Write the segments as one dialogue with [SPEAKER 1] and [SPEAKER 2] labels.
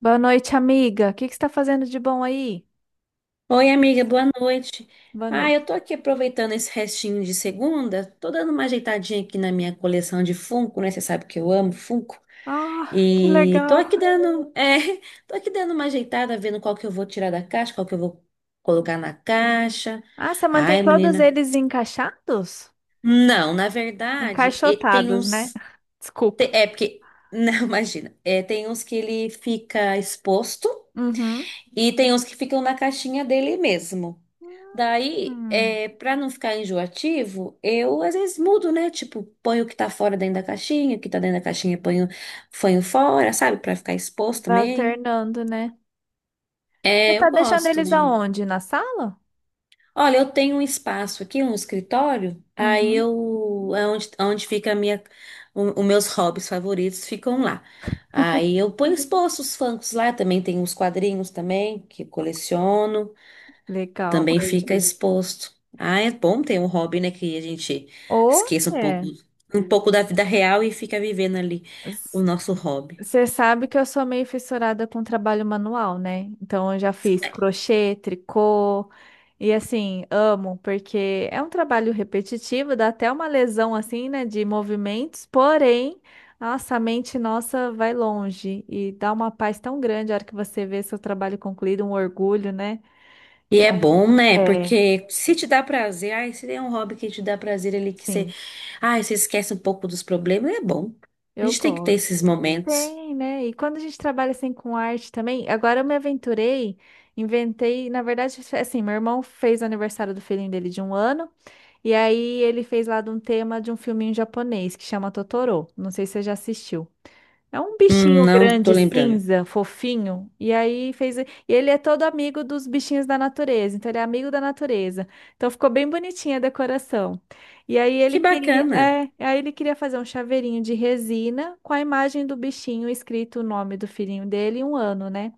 [SPEAKER 1] Boa noite, amiga. O que que você está fazendo de bom aí?
[SPEAKER 2] Oi, amiga, boa noite.
[SPEAKER 1] Boa
[SPEAKER 2] Ah,
[SPEAKER 1] noite.
[SPEAKER 2] eu tô aqui aproveitando esse restinho de segunda, tô dando uma ajeitadinha aqui na minha coleção de Funko, né? Você sabe que eu amo Funko.
[SPEAKER 1] Ah, que
[SPEAKER 2] E tô
[SPEAKER 1] legal.
[SPEAKER 2] aqui dando, tô aqui dando uma ajeitada, vendo qual que eu vou tirar da caixa, qual que eu vou colocar na caixa.
[SPEAKER 1] Ah, você mantém
[SPEAKER 2] Ai,
[SPEAKER 1] todos
[SPEAKER 2] menina.
[SPEAKER 1] eles encaixados?
[SPEAKER 2] Não, na verdade, tem
[SPEAKER 1] Encaixotados, né?
[SPEAKER 2] uns.
[SPEAKER 1] Desculpa.
[SPEAKER 2] É porque. Não, imagina. É, tem uns que ele fica exposto
[SPEAKER 1] Uhum.
[SPEAKER 2] e tem uns que ficam na caixinha dele mesmo. Daí,
[SPEAKER 1] Hum.
[SPEAKER 2] para não ficar enjoativo, eu às vezes mudo, né? Tipo, ponho o que tá fora dentro da caixinha, o que tá dentro da caixinha ponho, ponho fora, sabe? Pra ficar exposto
[SPEAKER 1] Vai
[SPEAKER 2] também.
[SPEAKER 1] alternando, né? Você
[SPEAKER 2] É, eu
[SPEAKER 1] tá deixando
[SPEAKER 2] gosto
[SPEAKER 1] eles
[SPEAKER 2] de.
[SPEAKER 1] aonde? Na sala?
[SPEAKER 2] Olha, eu tenho um espaço aqui, um escritório, aí
[SPEAKER 1] Uhum.
[SPEAKER 2] eu. É onde fica a minha, os meus hobbies favoritos ficam lá. Aí eu ponho exposto os funkos lá, também tem uns quadrinhos também que eu coleciono.
[SPEAKER 1] Legal.
[SPEAKER 2] Também fica exposto. Ah, é bom ter um hobby, né, que a gente esqueça
[SPEAKER 1] Olha,
[SPEAKER 2] um pouco da vida real e fica vivendo ali o nosso hobby.
[SPEAKER 1] Você sabe que eu sou meio fissurada com trabalho manual, né? Então eu já fiz crochê, tricô e assim, amo, porque é um trabalho repetitivo, dá até uma lesão assim, né, de movimentos, porém, nossa, a mente nossa vai longe e dá uma paz tão grande a hora que você vê seu trabalho concluído, um orgulho, né?
[SPEAKER 2] E é
[SPEAKER 1] Então,
[SPEAKER 2] bom, né?
[SPEAKER 1] é,
[SPEAKER 2] Porque se te dá prazer, ai, se tem um hobby que te dá prazer ali, que você,
[SPEAKER 1] sim,
[SPEAKER 2] ai, você esquece um pouco dos problemas, é bom. A
[SPEAKER 1] eu
[SPEAKER 2] gente tem que ter
[SPEAKER 1] gosto.
[SPEAKER 2] esses momentos.
[SPEAKER 1] Tem, né? E quando a gente trabalha assim com arte também, agora eu me aventurei, inventei, na verdade, assim, meu irmão fez o aniversário do filhinho dele de 1 ano, e aí ele fez lá de um tema de um filminho japonês que chama Totoro. Não sei se você já assistiu. É um bichinho
[SPEAKER 2] Não tô
[SPEAKER 1] grande,
[SPEAKER 2] lembrando.
[SPEAKER 1] cinza, fofinho. E aí fez. E ele é todo amigo dos bichinhos da natureza. Então ele é amigo da natureza. Então ficou bem bonitinha a decoração. E aí ele
[SPEAKER 2] Que
[SPEAKER 1] queria,
[SPEAKER 2] bacana.
[SPEAKER 1] é, aí ele queria fazer um chaveirinho de resina com a imagem do bichinho escrito o nome do filhinho dele e 1 ano, né?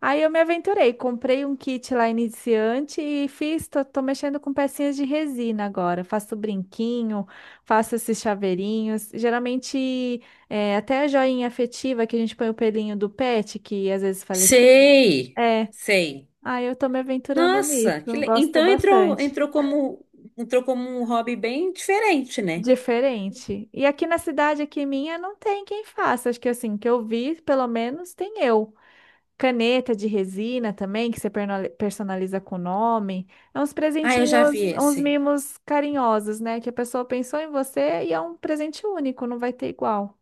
[SPEAKER 1] Aí eu me aventurei, comprei um kit lá iniciante e fiz, tô mexendo com pecinhas de resina agora. Faço brinquinho, faço esses chaveirinhos. Geralmente, é, até a joinha afetiva que a gente põe o pelinho do pet, que às vezes falece.
[SPEAKER 2] Sei,
[SPEAKER 1] É,
[SPEAKER 2] sei.
[SPEAKER 1] aí eu tô me aventurando
[SPEAKER 2] Nossa, que
[SPEAKER 1] nisso, gosto
[SPEAKER 2] então entrou,
[SPEAKER 1] bastante.
[SPEAKER 2] entrou como um hobby bem diferente, né?
[SPEAKER 1] Diferente. E aqui na cidade, aqui minha, não tem quem faça. Acho que assim, que eu vi, pelo menos, tem eu. Caneta de resina também, que você personaliza com o nome. É uns
[SPEAKER 2] Ah, eu já vi
[SPEAKER 1] presentinhos, uns
[SPEAKER 2] esse.
[SPEAKER 1] mimos carinhosos, né? Que a pessoa pensou em você e é um presente único, não vai ter igual.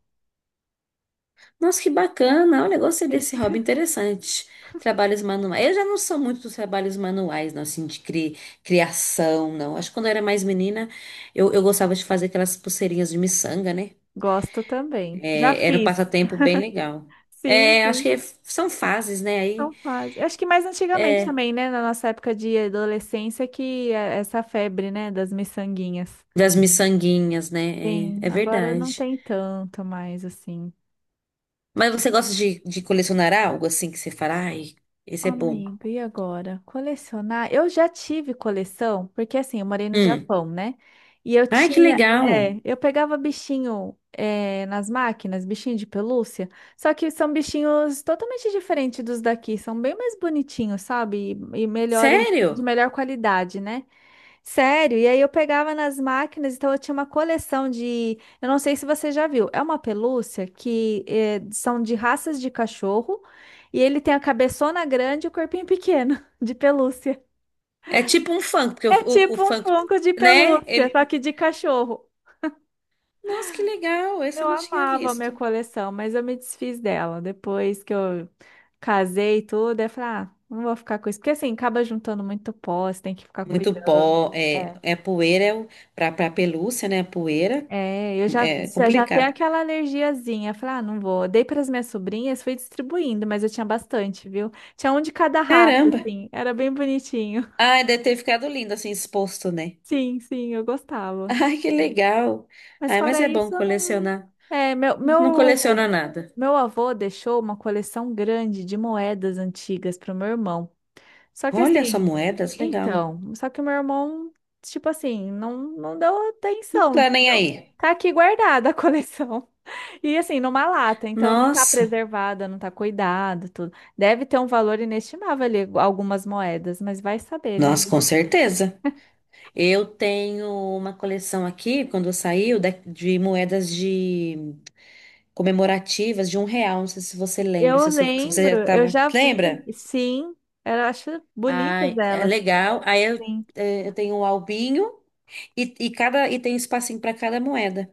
[SPEAKER 2] Nossa, que bacana. Olha, gostei
[SPEAKER 1] Sim.
[SPEAKER 2] desse hobby interessante. Trabalhos manuais. Eu já não sou muito dos trabalhos manuais, não, assim, de criação, não. Acho que quando eu era mais menina, eu gostava de fazer aquelas pulseirinhas de miçanga, né?
[SPEAKER 1] Gosto também. Já
[SPEAKER 2] É, era um
[SPEAKER 1] fiz.
[SPEAKER 2] passatempo bem legal.
[SPEAKER 1] Sim,
[SPEAKER 2] É, acho
[SPEAKER 1] sim.
[SPEAKER 2] que são fases, né? Aí,
[SPEAKER 1] Então faz. Acho que mais antigamente
[SPEAKER 2] é,
[SPEAKER 1] também, né? Na nossa época de adolescência, que é essa febre, né? Das miçanguinhas.
[SPEAKER 2] das miçanguinhas, né? É,
[SPEAKER 1] Sim,
[SPEAKER 2] é
[SPEAKER 1] agora não
[SPEAKER 2] verdade.
[SPEAKER 1] tem tanto mais, assim.
[SPEAKER 2] Mas você gosta de colecionar algo, assim, que você fala, ai, esse é bom.
[SPEAKER 1] Amiga, e agora? Colecionar? Eu já tive coleção, porque assim, eu morei no
[SPEAKER 2] Hum.
[SPEAKER 1] Japão, né? E eu
[SPEAKER 2] Ai, que
[SPEAKER 1] tinha,
[SPEAKER 2] legal.
[SPEAKER 1] é, eu pegava bichinho, é, nas máquinas, bichinho de pelúcia, só que são bichinhos totalmente diferentes dos daqui, são bem mais bonitinhos, sabe? E melhores, de
[SPEAKER 2] Sério?
[SPEAKER 1] melhor qualidade, né? Sério, e aí eu pegava nas máquinas, então eu tinha uma coleção de. Eu não sei se você já viu, é uma pelúcia que são de raças de cachorro e ele tem a cabeçona grande e o corpinho pequeno de pelúcia.
[SPEAKER 2] É tipo um funk, porque
[SPEAKER 1] É
[SPEAKER 2] o
[SPEAKER 1] tipo um
[SPEAKER 2] funk,
[SPEAKER 1] Funko de
[SPEAKER 2] né?
[SPEAKER 1] pelúcia, só
[SPEAKER 2] Ele.
[SPEAKER 1] que de cachorro.
[SPEAKER 2] Nossa, que legal! Esse
[SPEAKER 1] Eu
[SPEAKER 2] eu não tinha
[SPEAKER 1] amava a minha
[SPEAKER 2] visto.
[SPEAKER 1] coleção, mas eu me desfiz dela depois que eu casei e tudo. Eu falei, ah, não vou ficar com isso, porque assim acaba juntando muito pó, você tem que ficar
[SPEAKER 2] Muito
[SPEAKER 1] cuidando.
[SPEAKER 2] pó,
[SPEAKER 1] É.
[SPEAKER 2] é poeira, é o, pra pelúcia, né? Poeira,
[SPEAKER 1] É, eu já,
[SPEAKER 2] é
[SPEAKER 1] eu já tenho
[SPEAKER 2] complicado.
[SPEAKER 1] aquela alergiazinha. Falei, ah, não vou. Dei para as minhas sobrinhas, fui distribuindo, mas eu tinha bastante, viu? Tinha um de cada raça,
[SPEAKER 2] Caramba!
[SPEAKER 1] assim. Era bem bonitinho.
[SPEAKER 2] Ai, deve ter ficado lindo assim, exposto, né?
[SPEAKER 1] Sim, sim, eu gostava.
[SPEAKER 2] Ai, que legal!
[SPEAKER 1] Mas
[SPEAKER 2] Ai, mas
[SPEAKER 1] fora
[SPEAKER 2] é bom
[SPEAKER 1] isso, eu não.
[SPEAKER 2] colecionar.
[SPEAKER 1] É, meu,
[SPEAKER 2] Não coleciona
[SPEAKER 1] meu,
[SPEAKER 2] nada.
[SPEAKER 1] meu avô deixou uma coleção grande de moedas antigas para o meu irmão. Só que
[SPEAKER 2] Olha só,
[SPEAKER 1] assim,
[SPEAKER 2] moedas, legal.
[SPEAKER 1] então, só que o meu irmão, tipo assim, não, não deu
[SPEAKER 2] Não
[SPEAKER 1] atenção,
[SPEAKER 2] tá nem
[SPEAKER 1] entendeu?
[SPEAKER 2] aí.
[SPEAKER 1] Tá aqui guardada a coleção. E assim, numa lata, então não tá
[SPEAKER 2] Nossa,
[SPEAKER 1] preservada, não tá cuidado, tudo. Deve ter um valor inestimável ali, algumas moedas, mas vai saber, né?
[SPEAKER 2] nossa, com certeza. Eu tenho uma coleção aqui, quando saiu, de moedas de. Comemorativas de um real. Não sei se você lembra,
[SPEAKER 1] Eu
[SPEAKER 2] se, você se você já
[SPEAKER 1] lembro, eu
[SPEAKER 2] estava.
[SPEAKER 1] já vi,
[SPEAKER 2] Lembra?
[SPEAKER 1] sim, eu acho bonitas
[SPEAKER 2] Ai, é
[SPEAKER 1] elas.
[SPEAKER 2] legal.
[SPEAKER 1] Sim.
[SPEAKER 2] Eu tenho um albinho e cada e tem espacinho para cada moeda.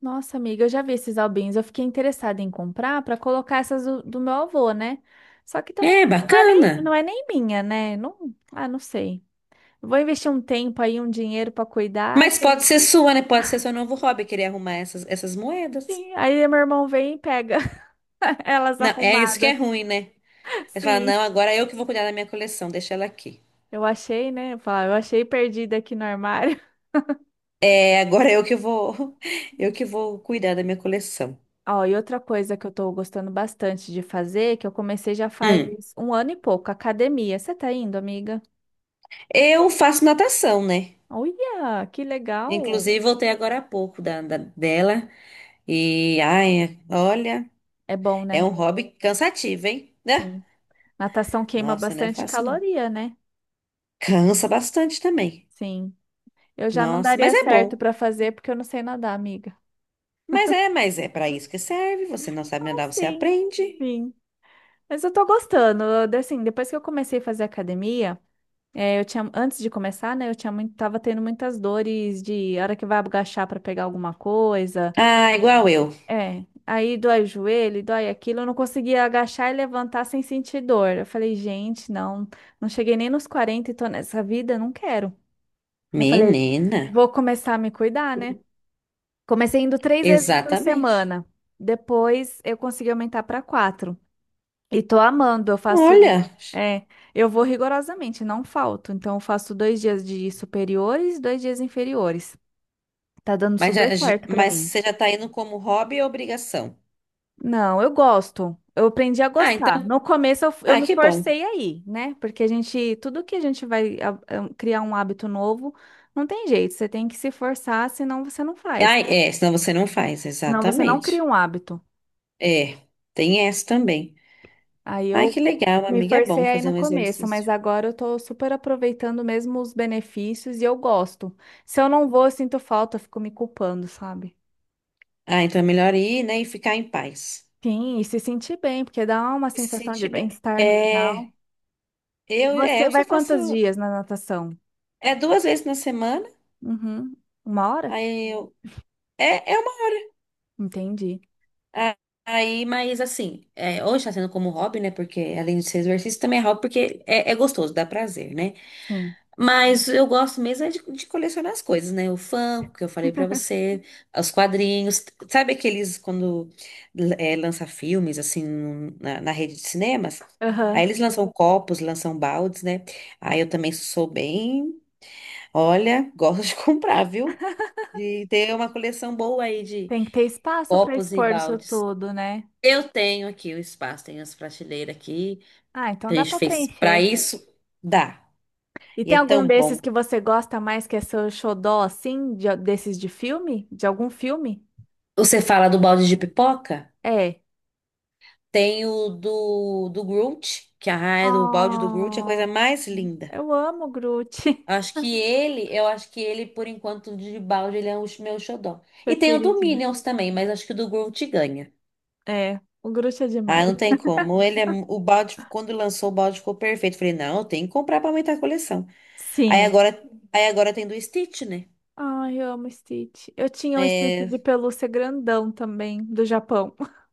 [SPEAKER 1] Nossa, amiga, eu já vi esses albinhos. Eu fiquei interessada em comprar para colocar essas do meu avô, né? Só que também
[SPEAKER 2] É
[SPEAKER 1] não não é
[SPEAKER 2] bacana.
[SPEAKER 1] nem, não é nem minha, né? Não, ah, não sei. Vou investir um tempo aí, um dinheiro para cuidar.
[SPEAKER 2] Mas pode ser sua, né? Pode ser seu novo hobby, querer arrumar essas moedas.
[SPEAKER 1] Sim. Aí meu irmão vem e pega elas
[SPEAKER 2] Não, é isso que é
[SPEAKER 1] arrumadas.
[SPEAKER 2] ruim, né? Aí você fala, não,
[SPEAKER 1] Sim.
[SPEAKER 2] agora é eu que vou cuidar da minha coleção, deixa ela aqui.
[SPEAKER 1] Eu achei, né? Eu falo, eu achei perdida aqui no armário.
[SPEAKER 2] É, agora é eu que vou, eu que vou cuidar da minha coleção.
[SPEAKER 1] Ó, e outra coisa que eu tô gostando bastante de fazer, que eu comecei já faz
[SPEAKER 2] Hum.
[SPEAKER 1] 1 ano e pouco, academia. Você tá indo, amiga?
[SPEAKER 2] Eu faço natação, né?
[SPEAKER 1] Olha, que legal.
[SPEAKER 2] Inclusive, voltei agora há pouco da, dela. E, ai, olha,
[SPEAKER 1] É bom,
[SPEAKER 2] é
[SPEAKER 1] né?
[SPEAKER 2] um hobby cansativo, hein? Né?
[SPEAKER 1] Sim. Natação queima
[SPEAKER 2] Nossa, não é
[SPEAKER 1] bastante
[SPEAKER 2] fácil, não.
[SPEAKER 1] caloria, né?
[SPEAKER 2] Cansa bastante também.
[SPEAKER 1] Sim. Eu já não
[SPEAKER 2] Nossa, mas
[SPEAKER 1] daria
[SPEAKER 2] é
[SPEAKER 1] certo
[SPEAKER 2] bom.
[SPEAKER 1] pra fazer porque eu não sei nadar, amiga.
[SPEAKER 2] Mas é para isso que serve. Você não sabe
[SPEAKER 1] Ah,
[SPEAKER 2] andar, você
[SPEAKER 1] sim,
[SPEAKER 2] aprende.
[SPEAKER 1] sim. Mas eu tô gostando. Assim, depois que eu comecei a fazer academia, é, eu tinha, antes de começar, né, eu tinha muito, tava tendo muitas dores de hora que vai agachar pra pegar alguma coisa.
[SPEAKER 2] Ah, igual eu.
[SPEAKER 1] É, aí dói o joelho, dói aquilo. Eu não conseguia agachar e levantar sem sentir dor. Eu falei, gente, não, não cheguei nem nos 40 e tô nessa vida, não quero. Eu falei,
[SPEAKER 2] Menina,
[SPEAKER 1] vou começar a me cuidar, né? Comecei indo 3 vezes por
[SPEAKER 2] exatamente.
[SPEAKER 1] semana. Depois eu consegui aumentar para quatro. E tô amando, eu faço.
[SPEAKER 2] Olha,
[SPEAKER 1] É, eu vou rigorosamente, não falto. Então, eu faço 2 dias de superiores, 2 dias inferiores. Tá dando
[SPEAKER 2] mas,
[SPEAKER 1] super certo pra
[SPEAKER 2] mas
[SPEAKER 1] mim.
[SPEAKER 2] você já tá indo como hobby ou obrigação?
[SPEAKER 1] Não, eu gosto. Eu aprendi a
[SPEAKER 2] Ah,
[SPEAKER 1] gostar.
[SPEAKER 2] então,
[SPEAKER 1] No começo eu
[SPEAKER 2] ah,
[SPEAKER 1] me
[SPEAKER 2] que bom.
[SPEAKER 1] forcei aí, né? Porque a gente, tudo que a gente vai criar um hábito novo, não tem jeito. Você tem que se forçar, senão você não
[SPEAKER 2] Ah,
[SPEAKER 1] faz.
[SPEAKER 2] é, senão você não faz,
[SPEAKER 1] Senão você não cria
[SPEAKER 2] exatamente.
[SPEAKER 1] um hábito.
[SPEAKER 2] É, tem essa também.
[SPEAKER 1] Aí
[SPEAKER 2] Ai,
[SPEAKER 1] eu
[SPEAKER 2] que legal,
[SPEAKER 1] me
[SPEAKER 2] amiga. É bom
[SPEAKER 1] forcei aí
[SPEAKER 2] fazer
[SPEAKER 1] no
[SPEAKER 2] um
[SPEAKER 1] começo, mas
[SPEAKER 2] exercício.
[SPEAKER 1] agora eu tô super aproveitando mesmo os benefícios e eu gosto. Se eu não vou, eu sinto falta, eu fico me culpando, sabe?
[SPEAKER 2] Ah, então é melhor ir, né, e ficar em paz.
[SPEAKER 1] Sim, e se sentir bem, porque dá uma
[SPEAKER 2] E se
[SPEAKER 1] sensação de
[SPEAKER 2] sentir bem.
[SPEAKER 1] bem-estar no
[SPEAKER 2] É,
[SPEAKER 1] final. E você
[SPEAKER 2] eu só
[SPEAKER 1] vai
[SPEAKER 2] faço
[SPEAKER 1] quantos dias na natação?
[SPEAKER 2] é duas vezes na semana.
[SPEAKER 1] Uhum. Uma hora?
[SPEAKER 2] Aí eu é uma
[SPEAKER 1] Entendi.
[SPEAKER 2] a- aí, mas assim, é, hoje está sendo como hobby, né? Porque além de ser exercício, também é hobby porque é gostoso, dá prazer, né?
[SPEAKER 1] Sim.
[SPEAKER 2] Mas eu gosto mesmo é de colecionar as coisas, né? O Funko, que eu falei pra você, os quadrinhos. Sabe aqueles quando é, lança filmes, assim, na, na rede de cinemas? Aí
[SPEAKER 1] Aham.
[SPEAKER 2] eles lançam copos, lançam baldes, né? Aí eu também sou bem. Olha, gosto de comprar, viu? De ter uma coleção boa aí de
[SPEAKER 1] Tem que ter espaço para
[SPEAKER 2] copos e
[SPEAKER 1] expor isso
[SPEAKER 2] baldes.
[SPEAKER 1] tudo, né?
[SPEAKER 2] Eu tenho aqui o espaço, tenho as prateleiras aqui.
[SPEAKER 1] Ah, então
[SPEAKER 2] A
[SPEAKER 1] dá
[SPEAKER 2] gente
[SPEAKER 1] para
[SPEAKER 2] fez pra
[SPEAKER 1] preencher.
[SPEAKER 2] isso, dá.
[SPEAKER 1] E
[SPEAKER 2] E
[SPEAKER 1] tem
[SPEAKER 2] é
[SPEAKER 1] algum
[SPEAKER 2] tão bom.
[SPEAKER 1] desses que você gosta mais que é seu xodó, assim, desses de filme? De algum filme?
[SPEAKER 2] Você fala do balde de pipoca?
[SPEAKER 1] É,
[SPEAKER 2] Tem o do Groot, que a do balde do Groot é a
[SPEAKER 1] oh,
[SPEAKER 2] coisa mais linda.
[SPEAKER 1] eu amo o Groot,
[SPEAKER 2] Acho que ele, eu acho que ele, por enquanto, de balde, ele é o meu xodó.
[SPEAKER 1] seu
[SPEAKER 2] E tem o do
[SPEAKER 1] queridinho.
[SPEAKER 2] Minions também, mas acho que o do Groot ganha.
[SPEAKER 1] É, o Groot é
[SPEAKER 2] Ah,
[SPEAKER 1] demais.
[SPEAKER 2] não tem como. Ele é, o balde, quando lançou o balde ficou perfeito. Falei, não, tem que comprar pra aumentar a coleção. Aí
[SPEAKER 1] Sim.
[SPEAKER 2] agora, aí agora tem do Stitch, né?
[SPEAKER 1] Ai, eu amo Stitch. Eu tinha um Stitch
[SPEAKER 2] É,
[SPEAKER 1] de pelúcia grandão também, do Japão.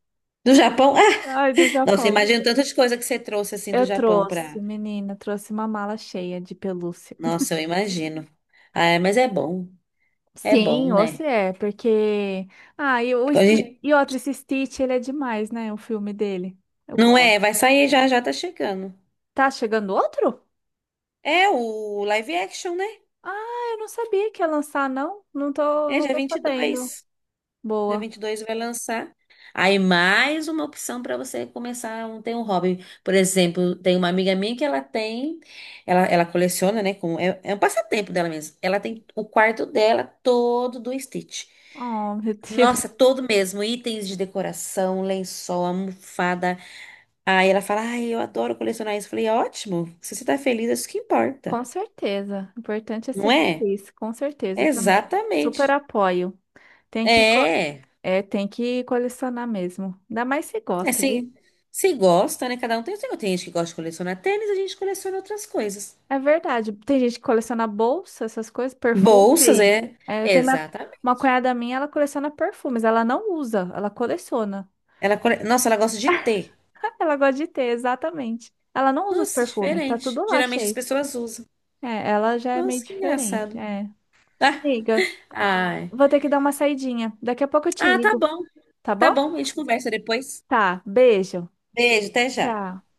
[SPEAKER 2] do Japão.
[SPEAKER 1] Ai, do
[SPEAKER 2] Ah, nossa,
[SPEAKER 1] Japão.
[SPEAKER 2] imagino tanta de coisa que você trouxe assim do
[SPEAKER 1] Eu
[SPEAKER 2] Japão pra.
[SPEAKER 1] trouxe, menina, trouxe uma mala cheia de pelúcia.
[SPEAKER 2] Nossa, eu imagino. Ah, mas é bom. É bom,
[SPEAKER 1] Sim, você
[SPEAKER 2] né?
[SPEAKER 1] é, porque. Ah, e, o,
[SPEAKER 2] Então, a
[SPEAKER 1] Sti-
[SPEAKER 2] gente-
[SPEAKER 1] e outro, esse Stitch, ele é demais, né? O filme dele. Eu
[SPEAKER 2] Não é?
[SPEAKER 1] gosto.
[SPEAKER 2] Vai sair já, já tá chegando.
[SPEAKER 1] Tá chegando outro?
[SPEAKER 2] É o live action, né?
[SPEAKER 1] Ah, eu não sabia que ia lançar, não. Não tô,
[SPEAKER 2] É
[SPEAKER 1] não
[SPEAKER 2] dia
[SPEAKER 1] tô sabendo.
[SPEAKER 2] 22. Dia
[SPEAKER 1] Boa.
[SPEAKER 2] 22 vai lançar. Aí mais uma opção para você começar um, ter um hobby. Por exemplo, tem uma amiga minha que ela tem, ela coleciona, né? Com, é, é um passatempo dela mesmo. Ela tem o quarto dela todo do Stitch.
[SPEAKER 1] Oh, meu Deus.
[SPEAKER 2] Nossa, todo mesmo, itens de decoração, lençol, almofada. Aí ela fala, ai, eu adoro colecionar isso. Eu falei, ótimo, se você tá feliz, é isso que importa,
[SPEAKER 1] Com certeza. O importante é ser
[SPEAKER 2] não é?
[SPEAKER 1] feliz. Com certeza também. Super
[SPEAKER 2] Exatamente.
[SPEAKER 1] apoio. Tem que, co-
[SPEAKER 2] É.
[SPEAKER 1] tem que colecionar mesmo. Ainda mais se
[SPEAKER 2] É
[SPEAKER 1] gosta, viu?
[SPEAKER 2] se, se gosta, né? Cada um tem o seu. Tem gente que gosta de colecionar tênis, a gente coleciona outras coisas.
[SPEAKER 1] É verdade. Tem gente que coleciona bolsa, essas coisas,
[SPEAKER 2] Bolsas,
[SPEAKER 1] perfume.
[SPEAKER 2] é.
[SPEAKER 1] É, eu tenho uma,
[SPEAKER 2] Exatamente.
[SPEAKER 1] uma cunhada minha, ela coleciona perfumes. Ela não usa, ela coleciona.
[SPEAKER 2] Ela, cole- Nossa, ela gosta de ter.
[SPEAKER 1] Ela gosta de ter, exatamente. Ela não usa os
[SPEAKER 2] Nossa,
[SPEAKER 1] perfumes, tá
[SPEAKER 2] diferente.
[SPEAKER 1] tudo lá
[SPEAKER 2] Geralmente as
[SPEAKER 1] cheio.
[SPEAKER 2] pessoas usam.
[SPEAKER 1] É, ela já é meio
[SPEAKER 2] Nossa, que
[SPEAKER 1] diferente.
[SPEAKER 2] engraçado.
[SPEAKER 1] É.
[SPEAKER 2] Ah,
[SPEAKER 1] Amiga,
[SPEAKER 2] ai.
[SPEAKER 1] vou ter que dar uma saidinha. Daqui a pouco eu te
[SPEAKER 2] Ah, tá
[SPEAKER 1] ligo,
[SPEAKER 2] bom.
[SPEAKER 1] tá
[SPEAKER 2] Tá
[SPEAKER 1] bom?
[SPEAKER 2] bom, a gente conversa depois.
[SPEAKER 1] Tá, beijo.
[SPEAKER 2] Beijo, até já.
[SPEAKER 1] Tchau.